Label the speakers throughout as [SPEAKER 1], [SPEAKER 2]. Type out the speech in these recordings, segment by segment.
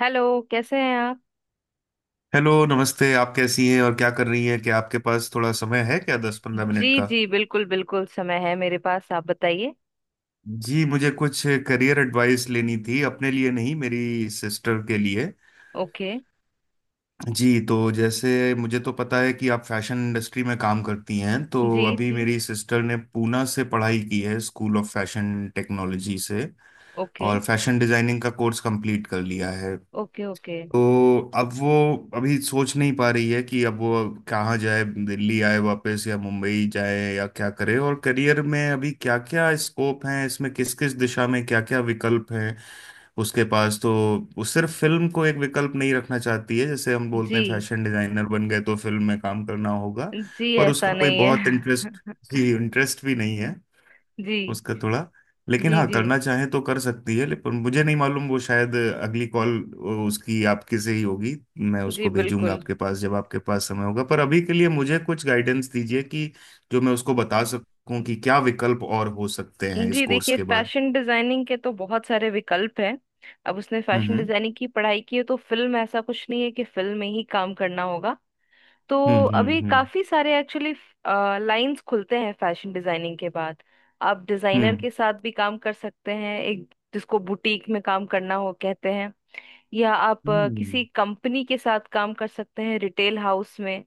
[SPEAKER 1] Hello कैसे हैं आप।
[SPEAKER 2] हेलो नमस्ते। आप कैसी हैं और क्या कर रही हैं? क्या आपके पास थोड़ा समय है, क्या 10-15 मिनट
[SPEAKER 1] जी
[SPEAKER 2] का?
[SPEAKER 1] जी बिल्कुल बिल्कुल समय है मेरे पास, आप बताइए।
[SPEAKER 2] जी मुझे कुछ करियर एडवाइस लेनी थी, अपने लिए नहीं, मेरी सिस्टर के लिए।
[SPEAKER 1] ओके।
[SPEAKER 2] जी तो जैसे मुझे तो पता है कि आप फैशन इंडस्ट्री में काम करती हैं। तो
[SPEAKER 1] जी
[SPEAKER 2] अभी
[SPEAKER 1] जी।
[SPEAKER 2] मेरी सिस्टर ने पूना से पढ़ाई की है, स्कूल ऑफ फैशन टेक्नोलॉजी से,
[SPEAKER 1] ओके
[SPEAKER 2] और फैशन डिजाइनिंग का कोर्स कंप्लीट कर लिया है।
[SPEAKER 1] Okay okay.
[SPEAKER 2] तो अब वो अभी सोच नहीं पा रही है कि अब वो कहाँ जाए, दिल्ली आए वापस या मुंबई जाए, या क्या करे। और करियर में अभी क्या क्या स्कोप हैं इसमें, किस किस दिशा में क्या क्या विकल्प हैं उसके पास। तो वो सिर्फ फिल्म को एक विकल्प नहीं रखना चाहती है, जैसे हम बोलते
[SPEAKER 1] जी
[SPEAKER 2] हैं फैशन डिजाइनर बन गए तो फिल्म में काम करना होगा।
[SPEAKER 1] जी
[SPEAKER 2] पर उसका
[SPEAKER 1] ऐसा
[SPEAKER 2] कोई
[SPEAKER 1] नहीं
[SPEAKER 2] बहुत इंटरेस्ट,
[SPEAKER 1] है।
[SPEAKER 2] जी इंटरेस्ट भी नहीं है
[SPEAKER 1] जी।
[SPEAKER 2] उसका थोड़ा। लेकिन
[SPEAKER 1] जी
[SPEAKER 2] हाँ,
[SPEAKER 1] जी
[SPEAKER 2] करना चाहे तो कर सकती है, लेकिन मुझे नहीं मालूम, वो शायद अगली कॉल उसकी आपके से ही होगी। मैं
[SPEAKER 1] जी
[SPEAKER 2] उसको भेजूंगा
[SPEAKER 1] बिल्कुल।
[SPEAKER 2] आपके पास जब आपके पास समय होगा। पर अभी के लिए मुझे कुछ गाइडेंस दीजिए कि जो मैं उसको बता सकूं कि क्या विकल्प और हो सकते हैं इस
[SPEAKER 1] जी
[SPEAKER 2] कोर्स
[SPEAKER 1] देखिए,
[SPEAKER 2] के बाद।
[SPEAKER 1] फैशन डिजाइनिंग के तो बहुत सारे विकल्प हैं। अब उसने फैशन
[SPEAKER 2] हम्म
[SPEAKER 1] डिजाइनिंग की पढ़ाई की है तो फिल्म ऐसा कुछ नहीं है कि फिल्म में ही काम करना होगा। तो
[SPEAKER 2] हम्म हम्म
[SPEAKER 1] अभी
[SPEAKER 2] हम्म
[SPEAKER 1] काफी सारे एक्चुअली लाइंस खुलते हैं फैशन डिजाइनिंग के बाद। आप डिजाइनर
[SPEAKER 2] हम्म
[SPEAKER 1] के साथ भी काम कर सकते हैं, एक जिसको बुटीक में काम करना हो कहते हैं। या आप
[SPEAKER 2] हम्म
[SPEAKER 1] किसी कंपनी के साथ काम कर सकते हैं, रिटेल हाउस में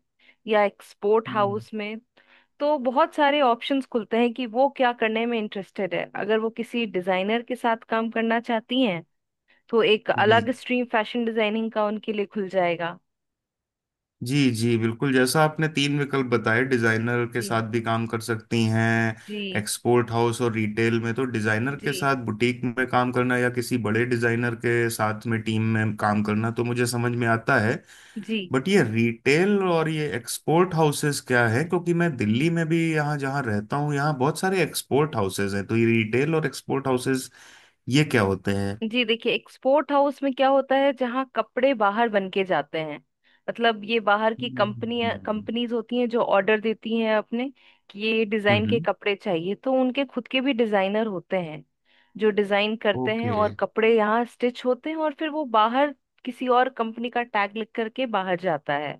[SPEAKER 1] या एक्सपोर्ट
[SPEAKER 2] हम्म,
[SPEAKER 1] हाउस में। तो बहुत सारे ऑप्शंस खुलते हैं कि वो क्या करने में इंटरेस्टेड है। अगर वो किसी डिजाइनर के साथ काम करना चाहती हैं तो एक अलग
[SPEAKER 2] हम्म।
[SPEAKER 1] स्ट्रीम फैशन डिजाइनिंग का उनके लिए खुल जाएगा।
[SPEAKER 2] जी जी बिल्कुल, जैसा आपने तीन विकल्प बताए, डिजाइनर के
[SPEAKER 1] जी
[SPEAKER 2] साथ भी काम कर सकती हैं,
[SPEAKER 1] जी।
[SPEAKER 2] एक्सपोर्ट हाउस और रिटेल में। तो डिजाइनर
[SPEAKER 1] जी।
[SPEAKER 2] के साथ बुटीक में काम करना या किसी बड़े डिजाइनर के साथ में टीम में काम करना, तो मुझे समझ में आता है।
[SPEAKER 1] जी।
[SPEAKER 2] बट ये रिटेल और ये एक्सपोर्ट हाउसेस क्या है, क्योंकि मैं दिल्ली में भी, यहाँ जहाँ रहता हूँ, यहाँ बहुत सारे एक्सपोर्ट हाउसेस हैं। तो ये रिटेल और एक्सपोर्ट हाउसेस ये क्या होते हैं?
[SPEAKER 1] जी देखिए, एक्सपोर्ट हाउस में क्या होता है, जहाँ कपड़े बाहर बन के जाते हैं। मतलब ये बाहर की कंपनियां
[SPEAKER 2] हम्म
[SPEAKER 1] कंपनीज होती हैं जो ऑर्डर देती हैं अपने कि ये डिजाइन के
[SPEAKER 2] हम्म।
[SPEAKER 1] कपड़े चाहिए। तो उनके खुद के भी डिजाइनर होते हैं जो डिजाइन करते हैं,
[SPEAKER 2] ओके
[SPEAKER 1] और कपड़े यहाँ स्टिच होते हैं और फिर वो बाहर किसी और कंपनी का टैग लिख करके बाहर जाता है।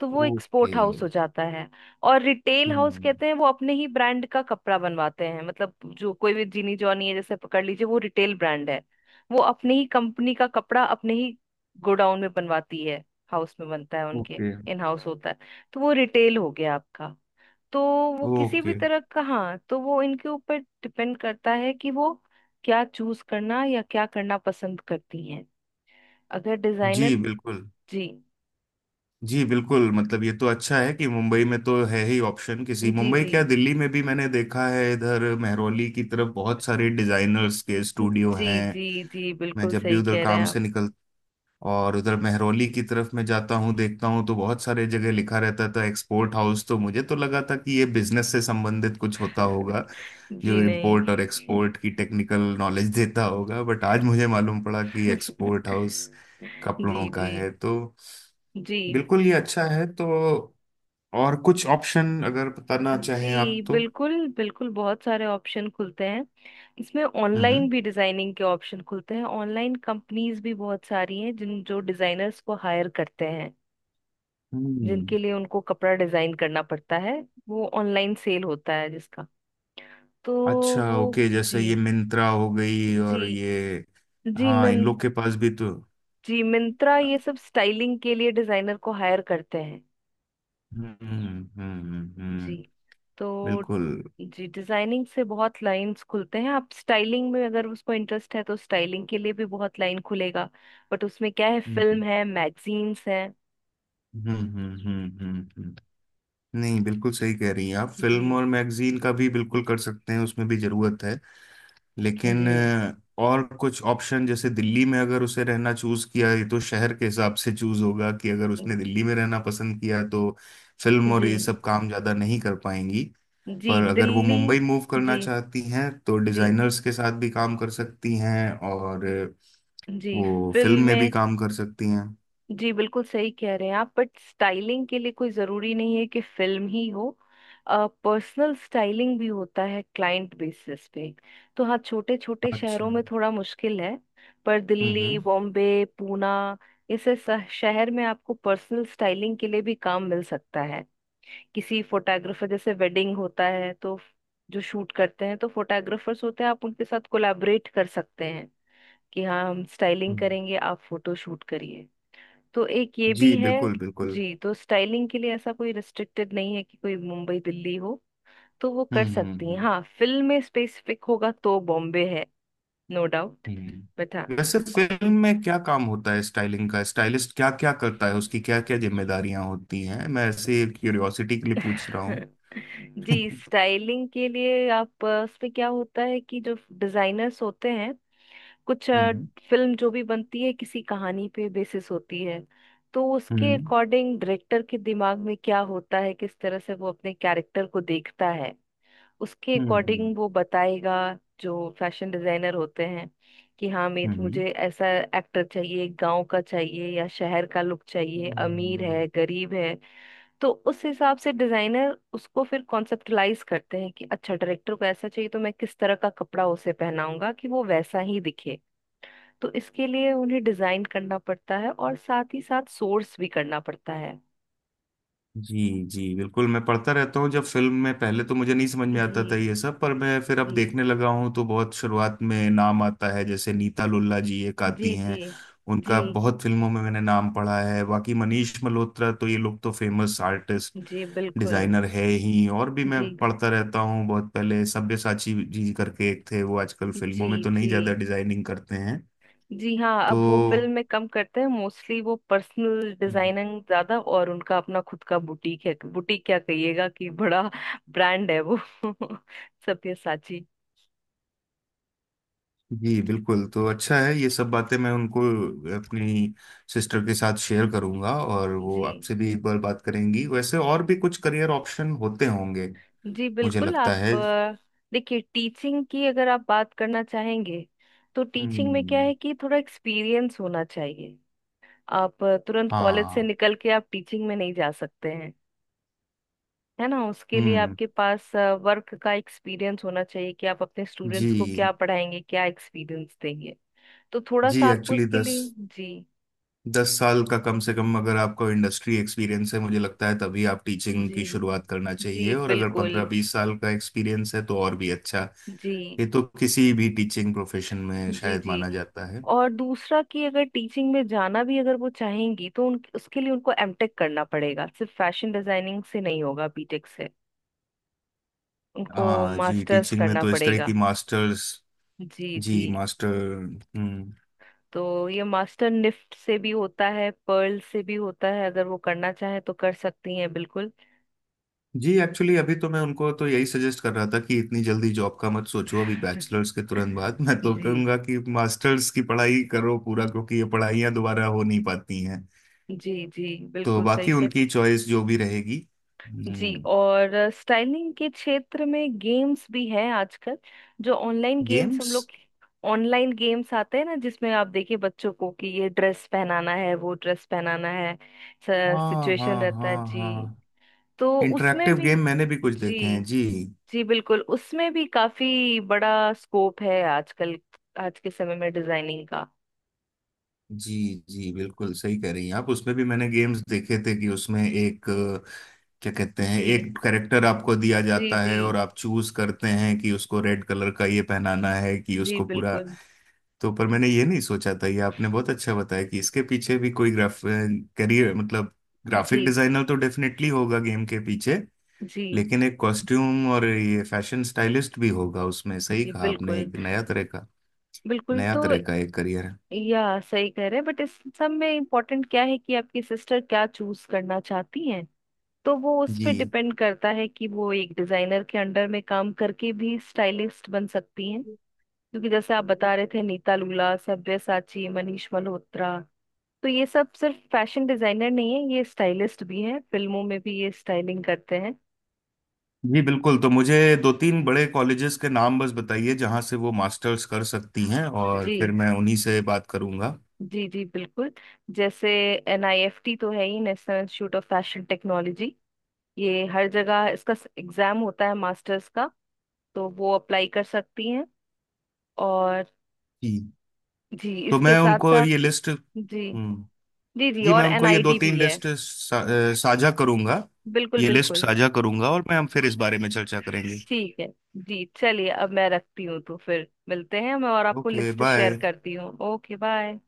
[SPEAKER 1] तो वो
[SPEAKER 2] ओके।
[SPEAKER 1] एक्सपोर्ट हाउस हो जाता है। और retail
[SPEAKER 2] hmm,
[SPEAKER 1] house
[SPEAKER 2] okay, okay,
[SPEAKER 1] कहते हैं वो अपने ही ब्रांड का कपड़ा बनवाते हैं। मतलब जो कोई भी जीनी जॉनी है जैसे पकड़ लीजिए, वो रिटेल ब्रांड है। वो अपने ही कंपनी का कपड़ा अपने ही गोडाउन में बनवाती है, हाउस में बनता है उनके,
[SPEAKER 2] हम्म,
[SPEAKER 1] इन हाउस होता है। तो वो रिटेल हो गया आपका। तो वो किसी भी
[SPEAKER 2] ओके।
[SPEAKER 1] तरह का, हाँ, तो वो इनके ऊपर डिपेंड करता है कि वो क्या चूज करना या क्या करना पसंद करती हैं, अगर
[SPEAKER 2] जी
[SPEAKER 1] डिजाइनर।
[SPEAKER 2] बिल्कुल।
[SPEAKER 1] जी।
[SPEAKER 2] जी बिल्कुल मतलब ये तो अच्छा है कि मुंबई में तो है ही ऑप्शन, किसी
[SPEAKER 1] जी
[SPEAKER 2] मुंबई
[SPEAKER 1] जी
[SPEAKER 2] क्या, दिल्ली में भी मैंने देखा है, इधर मेहरौली की तरफ बहुत सारे डिजाइनर्स के स्टूडियो
[SPEAKER 1] जी।
[SPEAKER 2] हैं।
[SPEAKER 1] जी जी
[SPEAKER 2] मैं
[SPEAKER 1] बिल्कुल
[SPEAKER 2] जब भी
[SPEAKER 1] सही
[SPEAKER 2] उधर
[SPEAKER 1] कह रहे हैं
[SPEAKER 2] काम
[SPEAKER 1] आप।
[SPEAKER 2] से और उधर महरौली की तरफ मैं जाता हूँ, देखता हूँ, तो बहुत सारे जगह लिखा रहता था एक्सपोर्ट हाउस। तो मुझे तो लगा था कि ये बिजनेस से संबंधित कुछ होता होगा, जो
[SPEAKER 1] जी
[SPEAKER 2] इंपोर्ट और
[SPEAKER 1] नहीं।
[SPEAKER 2] एक्सपोर्ट की टेक्निकल नॉलेज देता होगा। बट आज मुझे मालूम पड़ा कि एक्सपोर्ट हाउस कपड़ों
[SPEAKER 1] जी
[SPEAKER 2] का
[SPEAKER 1] जी।
[SPEAKER 2] है। तो
[SPEAKER 1] जी।
[SPEAKER 2] बिल्कुल ये अच्छा है। तो और कुछ ऑप्शन अगर बताना
[SPEAKER 1] जी
[SPEAKER 2] चाहें आप तो।
[SPEAKER 1] बिल्कुल बिल्कुल, बहुत सारे ऑप्शन खुलते हैं इसमें। ऑनलाइन
[SPEAKER 2] हम्म
[SPEAKER 1] भी डिजाइनिंग के ऑप्शन खुलते हैं। ऑनलाइन कंपनीज भी बहुत सारी हैं जिन जो डिजाइनर्स को हायर करते हैं,
[SPEAKER 2] हम्म।
[SPEAKER 1] जिनके लिए उनको कपड़ा डिजाइन करना पड़ता है। वो ऑनलाइन सेल होता है जिसका। तो
[SPEAKER 2] अच्छा
[SPEAKER 1] वो,
[SPEAKER 2] ओके, जैसे
[SPEAKER 1] जी।
[SPEAKER 2] ये मिंत्रा हो गई और
[SPEAKER 1] जी।
[SPEAKER 2] ये,
[SPEAKER 1] जी
[SPEAKER 2] हाँ
[SPEAKER 1] मैं,
[SPEAKER 2] इन लोग के पास भी तो।
[SPEAKER 1] जी मिंत्रा ये सब स्टाइलिंग के लिए डिजाइनर को हायर करते हैं।
[SPEAKER 2] हम्म हम्म हम्म
[SPEAKER 1] जी।
[SPEAKER 2] हम्म,
[SPEAKER 1] तो
[SPEAKER 2] बिल्कुल।
[SPEAKER 1] जी, डिजाइनिंग से बहुत लाइंस खुलते हैं। आप स्टाइलिंग में, अगर उसको इंटरेस्ट है तो स्टाइलिंग के लिए भी बहुत लाइन खुलेगा। बट उसमें क्या है,
[SPEAKER 2] हम्म
[SPEAKER 1] फिल्म है, मैगजीन्स है।
[SPEAKER 2] हम्म हम्म हम्म हम्म, हम्म। नहीं, बिल्कुल सही कह रही हैं आप।
[SPEAKER 1] जी।
[SPEAKER 2] फिल्म और मैगजीन का भी बिल्कुल कर सकते हैं, उसमें भी जरूरत है।
[SPEAKER 1] जी
[SPEAKER 2] लेकिन और कुछ ऑप्शन, जैसे दिल्ली में अगर उसे रहना चूज किया, ये तो शहर के हिसाब से चूज होगा कि अगर उसने दिल्ली में रहना पसंद किया तो फिल्म और
[SPEAKER 1] जी।
[SPEAKER 2] ये सब काम ज्यादा नहीं कर पाएंगी।
[SPEAKER 1] जी
[SPEAKER 2] पर अगर वो
[SPEAKER 1] दिल्ली।
[SPEAKER 2] मुंबई मूव करना
[SPEAKER 1] जी
[SPEAKER 2] चाहती हैं तो
[SPEAKER 1] जी।
[SPEAKER 2] डिजाइनर्स के साथ भी काम कर सकती हैं और
[SPEAKER 1] जी
[SPEAKER 2] वो फिल्म में भी
[SPEAKER 1] फिल्में।
[SPEAKER 2] काम कर सकती हैं।
[SPEAKER 1] जी बिल्कुल सही कह रहे हैं आप, बट स्टाइलिंग के लिए कोई ज़रूरी नहीं है कि फिल्म ही हो। पर्सनल स्टाइलिंग भी होता है क्लाइंट बेसिस पे। तो हाँ, छोटे छोटे
[SPEAKER 2] अच्छा
[SPEAKER 1] शहरों
[SPEAKER 2] हम्म।
[SPEAKER 1] में थोड़ा मुश्किल है, पर दिल्ली,
[SPEAKER 2] हम्म
[SPEAKER 1] बॉम्बे, पूना ऐसे शहर में आपको पर्सनल स्टाइलिंग के लिए भी काम मिल सकता है। किसी फोटोग्राफर, जैसे वेडिंग होता है तो जो शूट करते हैं तो फोटोग्राफर्स होते हैं, आप उनके साथ कोलैबोरेट कर सकते हैं कि हाँ, हम स्टाइलिंग
[SPEAKER 2] हम्म,
[SPEAKER 1] करेंगे, आप फोटो शूट करिए। तो एक ये भी
[SPEAKER 2] जी
[SPEAKER 1] है।
[SPEAKER 2] बिल्कुल बिल्कुल।
[SPEAKER 1] जी तो स्टाइलिंग के लिए ऐसा कोई रिस्ट्रिक्टेड नहीं है कि कोई मुंबई दिल्ली हो, तो वो कर
[SPEAKER 2] हम्म हम्म
[SPEAKER 1] सकती हैं।
[SPEAKER 2] हम्म,
[SPEAKER 1] हाँ, फिल्म में स्पेसिफिक होगा तो बॉम्बे है, नो डाउट। बट हाँ।
[SPEAKER 2] वैसे फिल्म में क्या काम होता है स्टाइलिंग का, स्टाइलिस्ट क्या क्या करता है, उसकी क्या क्या जिम्मेदारियां होती हैं? मैं ऐसे क्यूरियोसिटी के लिए पूछ रहा हूँ।
[SPEAKER 1] जी, स्टाइलिंग के लिए आप उसमें क्या होता है कि जो डिजाइनर्स होते हैं, कुछ
[SPEAKER 2] हम्म
[SPEAKER 1] फिल्म जो भी बनती है किसी कहानी पे बेसिस होती है। तो उसके
[SPEAKER 2] हम्म
[SPEAKER 1] अकॉर्डिंग डायरेक्टर के दिमाग में क्या होता है, किस तरह से वो अपने कैरेक्टर को देखता है, उसके
[SPEAKER 2] हम्म हम्म
[SPEAKER 1] अकॉर्डिंग वो बताएगा जो फैशन डिजाइनर होते हैं, कि हाँ
[SPEAKER 2] हम्म
[SPEAKER 1] मेरे मुझे
[SPEAKER 2] हम्म।
[SPEAKER 1] ऐसा एक्टर चाहिए, गांव का चाहिए या शहर का लुक चाहिए, अमीर
[SPEAKER 2] हम्म।
[SPEAKER 1] है, गरीब है। तो उस हिसाब से डिजाइनर उसको फिर कॉन्सेप्टलाइज करते हैं कि अच्छा, डायरेक्टर को ऐसा चाहिए तो मैं किस तरह का कपड़ा उसे पहनाऊंगा कि वो वैसा ही दिखे। तो इसके लिए उन्हें डिजाइन करना पड़ता है और साथ ही साथ सोर्स भी करना पड़ता है।
[SPEAKER 2] जी जी बिल्कुल। मैं पढ़ता रहता हूँ जब फिल्म में, पहले तो मुझे नहीं समझ में
[SPEAKER 1] जी
[SPEAKER 2] आता था ये सब, पर मैं फिर अब
[SPEAKER 1] जी।
[SPEAKER 2] देखने लगा हूँ तो बहुत शुरुआत में नाम आता है जैसे नीता लुल्ला जी एक
[SPEAKER 1] जी
[SPEAKER 2] आती
[SPEAKER 1] जी।
[SPEAKER 2] हैं।
[SPEAKER 1] जी
[SPEAKER 2] उनका बहुत फिल्मों में मैंने नाम पढ़ा है। बाकी मनीष मल्होत्रा, तो ये लोग तो फेमस आर्टिस्ट
[SPEAKER 1] जी बिल्कुल।
[SPEAKER 2] डिजाइनर है ही। और भी मैं
[SPEAKER 1] जी
[SPEAKER 2] पढ़ता रहता हूँ, बहुत पहले सब्यसाची जी करके एक थे, वो आजकल
[SPEAKER 1] जी।
[SPEAKER 2] फिल्मों में तो नहीं
[SPEAKER 1] जी।
[SPEAKER 2] ज्यादा डिजाइनिंग करते हैं।
[SPEAKER 1] जी हाँ
[SPEAKER 2] तो
[SPEAKER 1] अब वो फिल्म में कम करते हैं, मोस्टली वो पर्सनल डिजाइनिंग ज्यादा, और उनका अपना खुद का बुटीक है। बुटीक क्या कहिएगा, कि बड़ा ब्रांड है वो, सब्यसाची।
[SPEAKER 2] जी बिल्कुल, तो अच्छा है ये सब बातें मैं उनको, अपनी सिस्टर के साथ शेयर करूंगा और वो
[SPEAKER 1] जी
[SPEAKER 2] आपसे भी एक बार बात करेंगी। वैसे और भी कुछ करियर ऑप्शन होते होंगे
[SPEAKER 1] जी
[SPEAKER 2] मुझे
[SPEAKER 1] बिल्कुल।
[SPEAKER 2] लगता है।
[SPEAKER 1] आप देखिए, टीचिंग की अगर आप बात करना चाहेंगे, तो टीचिंग में क्या
[SPEAKER 2] हम्म।
[SPEAKER 1] है कि थोड़ा एक्सपीरियंस होना चाहिए। आप तुरंत कॉलेज से
[SPEAKER 2] हाँ।
[SPEAKER 1] निकल के आप टीचिंग में नहीं जा सकते हैं, है ना। उसके लिए
[SPEAKER 2] हम्म।
[SPEAKER 1] आपके पास वर्क का एक्सपीरियंस होना चाहिए कि आप अपने
[SPEAKER 2] जी
[SPEAKER 1] स्टूडेंट्स को क्या पढ़ाएंगे, क्या एक्सपीरियंस देंगे। तो थोड़ा
[SPEAKER 2] जी
[SPEAKER 1] सा आपको
[SPEAKER 2] एक्चुअली
[SPEAKER 1] उसके
[SPEAKER 2] दस
[SPEAKER 1] लिए। जी।
[SPEAKER 2] दस साल का कम से कम अगर आपको इंडस्ट्री एक्सपीरियंस है मुझे लगता है तभी आप टीचिंग
[SPEAKER 1] जी
[SPEAKER 2] की शुरुआत करना
[SPEAKER 1] जी
[SPEAKER 2] चाहिए, और अगर
[SPEAKER 1] बिल्कुल।
[SPEAKER 2] 15-20 साल का एक्सपीरियंस है तो और भी अच्छा।
[SPEAKER 1] जी।
[SPEAKER 2] ये तो किसी भी टीचिंग प्रोफेशन में
[SPEAKER 1] जी
[SPEAKER 2] शायद
[SPEAKER 1] जी
[SPEAKER 2] माना जाता है।
[SPEAKER 1] और दूसरा कि अगर टीचिंग में जाना भी अगर वो चाहेंगी, तो उन उसके लिए उनको एमटेक करना पड़ेगा, सिर्फ फैशन डिजाइनिंग से नहीं होगा, बीटेक से। उनको
[SPEAKER 2] हाँ जी,
[SPEAKER 1] मास्टर्स
[SPEAKER 2] टीचिंग में
[SPEAKER 1] करना
[SPEAKER 2] तो इस तरह की
[SPEAKER 1] पड़ेगा।
[SPEAKER 2] मास्टर्स।
[SPEAKER 1] जी जी।
[SPEAKER 2] जी मास्टर। हम्म।
[SPEAKER 1] तो ये मास्टर निफ्ट से भी होता है, पर्ल से भी होता है, अगर वो करना चाहे तो कर सकती हैं बिल्कुल।
[SPEAKER 2] जी एक्चुअली अभी तो मैं उनको तो यही सजेस्ट कर रहा था कि इतनी जल्दी जॉब का मत सोचो, अभी बैचलर्स के तुरंत बाद मैं तो
[SPEAKER 1] जी।
[SPEAKER 2] कहूँगा कि मास्टर्स की पढ़ाई करो पूरा, क्योंकि ये पढ़ाइयाँ दोबारा हो नहीं पाती हैं।
[SPEAKER 1] जी जी
[SPEAKER 2] तो
[SPEAKER 1] बिल्कुल सही
[SPEAKER 2] बाकी
[SPEAKER 1] कह रही।
[SPEAKER 2] उनकी चॉइस जो भी रहेगी।
[SPEAKER 1] जी।
[SPEAKER 2] हम्म।
[SPEAKER 1] और स्टाइलिंग के क्षेत्र में गेम्स भी हैं आजकल, जो ऑनलाइन गेम्स
[SPEAKER 2] गेम्स?
[SPEAKER 1] हम लोग। ऑनलाइन गेम्स आते हैं ना, जिसमें आप देखिए बच्चों को कि ये ड्रेस पहनाना है, वो ड्रेस पहनाना है,
[SPEAKER 2] हाँ
[SPEAKER 1] सिचुएशन
[SPEAKER 2] हाँ
[SPEAKER 1] रहता है
[SPEAKER 2] हाँ
[SPEAKER 1] जी।
[SPEAKER 2] हाँ।
[SPEAKER 1] तो उसमें
[SPEAKER 2] इंटरेक्टिव
[SPEAKER 1] भी।
[SPEAKER 2] गेम मैंने भी कुछ देखे
[SPEAKER 1] जी।
[SPEAKER 2] हैं जी।
[SPEAKER 1] जी बिल्कुल, उसमें भी काफी बड़ा स्कोप है आजकल, आज के समय में डिजाइनिंग का।
[SPEAKER 2] जी जी बिल्कुल सही कह रही हैं आप, उसमें भी मैंने गेम्स देखे थे कि उसमें एक क्या कहते हैं,
[SPEAKER 1] जी।
[SPEAKER 2] एक करेक्टर आपको दिया
[SPEAKER 1] जी
[SPEAKER 2] जाता
[SPEAKER 1] जी।
[SPEAKER 2] है और आप चूज करते हैं कि उसको रेड कलर का ये पहनाना है कि
[SPEAKER 1] जी
[SPEAKER 2] उसको पूरा।
[SPEAKER 1] बिल्कुल।
[SPEAKER 2] तो पर मैंने ये नहीं सोचा था, ये आपने बहुत अच्छा बताया कि इसके पीछे भी कोई ग्राफ करियर मतलब ग्राफिक
[SPEAKER 1] जी
[SPEAKER 2] डिजाइनर तो डेफिनेटली होगा गेम के पीछे,
[SPEAKER 1] जी।
[SPEAKER 2] लेकिन एक कॉस्ट्यूम और ये फैशन स्टाइलिस्ट भी होगा उसमें। सही
[SPEAKER 1] जी
[SPEAKER 2] कहा आपने,
[SPEAKER 1] बिल्कुल
[SPEAKER 2] एक नया तरह का,
[SPEAKER 1] बिल्कुल
[SPEAKER 2] नया
[SPEAKER 1] तो,
[SPEAKER 2] तरह का एक करियर है।
[SPEAKER 1] या सही कह रहे हैं, बट इस सब में इम्पोर्टेंट क्या है कि आपकी सिस्टर क्या चूज करना चाहती हैं। तो वो उस पे
[SPEAKER 2] जी
[SPEAKER 1] डिपेंड करता है कि वो एक डिजाइनर के अंडर में काम करके भी स्टाइलिस्ट बन सकती हैं। क्योंकि जैसे आप बता रहे थे, नीता लुला, सब्यसाची, मनीष मल्होत्रा, तो ये सब सिर्फ फैशन डिजाइनर नहीं है, ये स्टाइलिस्ट भी हैं, फिल्मों में भी ये स्टाइलिंग करते हैं।
[SPEAKER 2] जी बिल्कुल। तो मुझे दो तीन बड़े कॉलेजेस के नाम बस बताइए जहां से वो मास्टर्स कर सकती हैं और फिर
[SPEAKER 1] जी।
[SPEAKER 2] मैं उन्हीं से बात करूंगा।
[SPEAKER 1] जी जी बिल्कुल। जैसे एनआईएफटी तो है ही, national institute of fashion technology. ये हर जगह इसका एग्जाम होता है मास्टर्स का, तो वो अप्लाई कर सकती हैं। और
[SPEAKER 2] जी
[SPEAKER 1] जी
[SPEAKER 2] तो
[SPEAKER 1] इसके
[SPEAKER 2] मैं
[SPEAKER 1] साथ
[SPEAKER 2] उनको
[SPEAKER 1] साथ।
[SPEAKER 2] ये लिस्ट।
[SPEAKER 1] जी।
[SPEAKER 2] हम्म।
[SPEAKER 1] जी जी
[SPEAKER 2] जी मैं
[SPEAKER 1] और
[SPEAKER 2] उनको ये दो
[SPEAKER 1] एनआईडी भी
[SPEAKER 2] तीन
[SPEAKER 1] है।
[SPEAKER 2] लिस्ट साझा करूंगा।
[SPEAKER 1] बिल्कुल
[SPEAKER 2] ये लिस्ट
[SPEAKER 1] बिल्कुल।
[SPEAKER 2] साझा करूंगा और मैं हम फिर इस बारे में चर्चा करेंगे।
[SPEAKER 1] ठीक है जी, चलिए अब मैं रखती हूँ, तो फिर मिलते हैं, मैं और आपको
[SPEAKER 2] ओके
[SPEAKER 1] लिस्ट शेयर
[SPEAKER 2] बाय।
[SPEAKER 1] करती हूँ। Okay bye.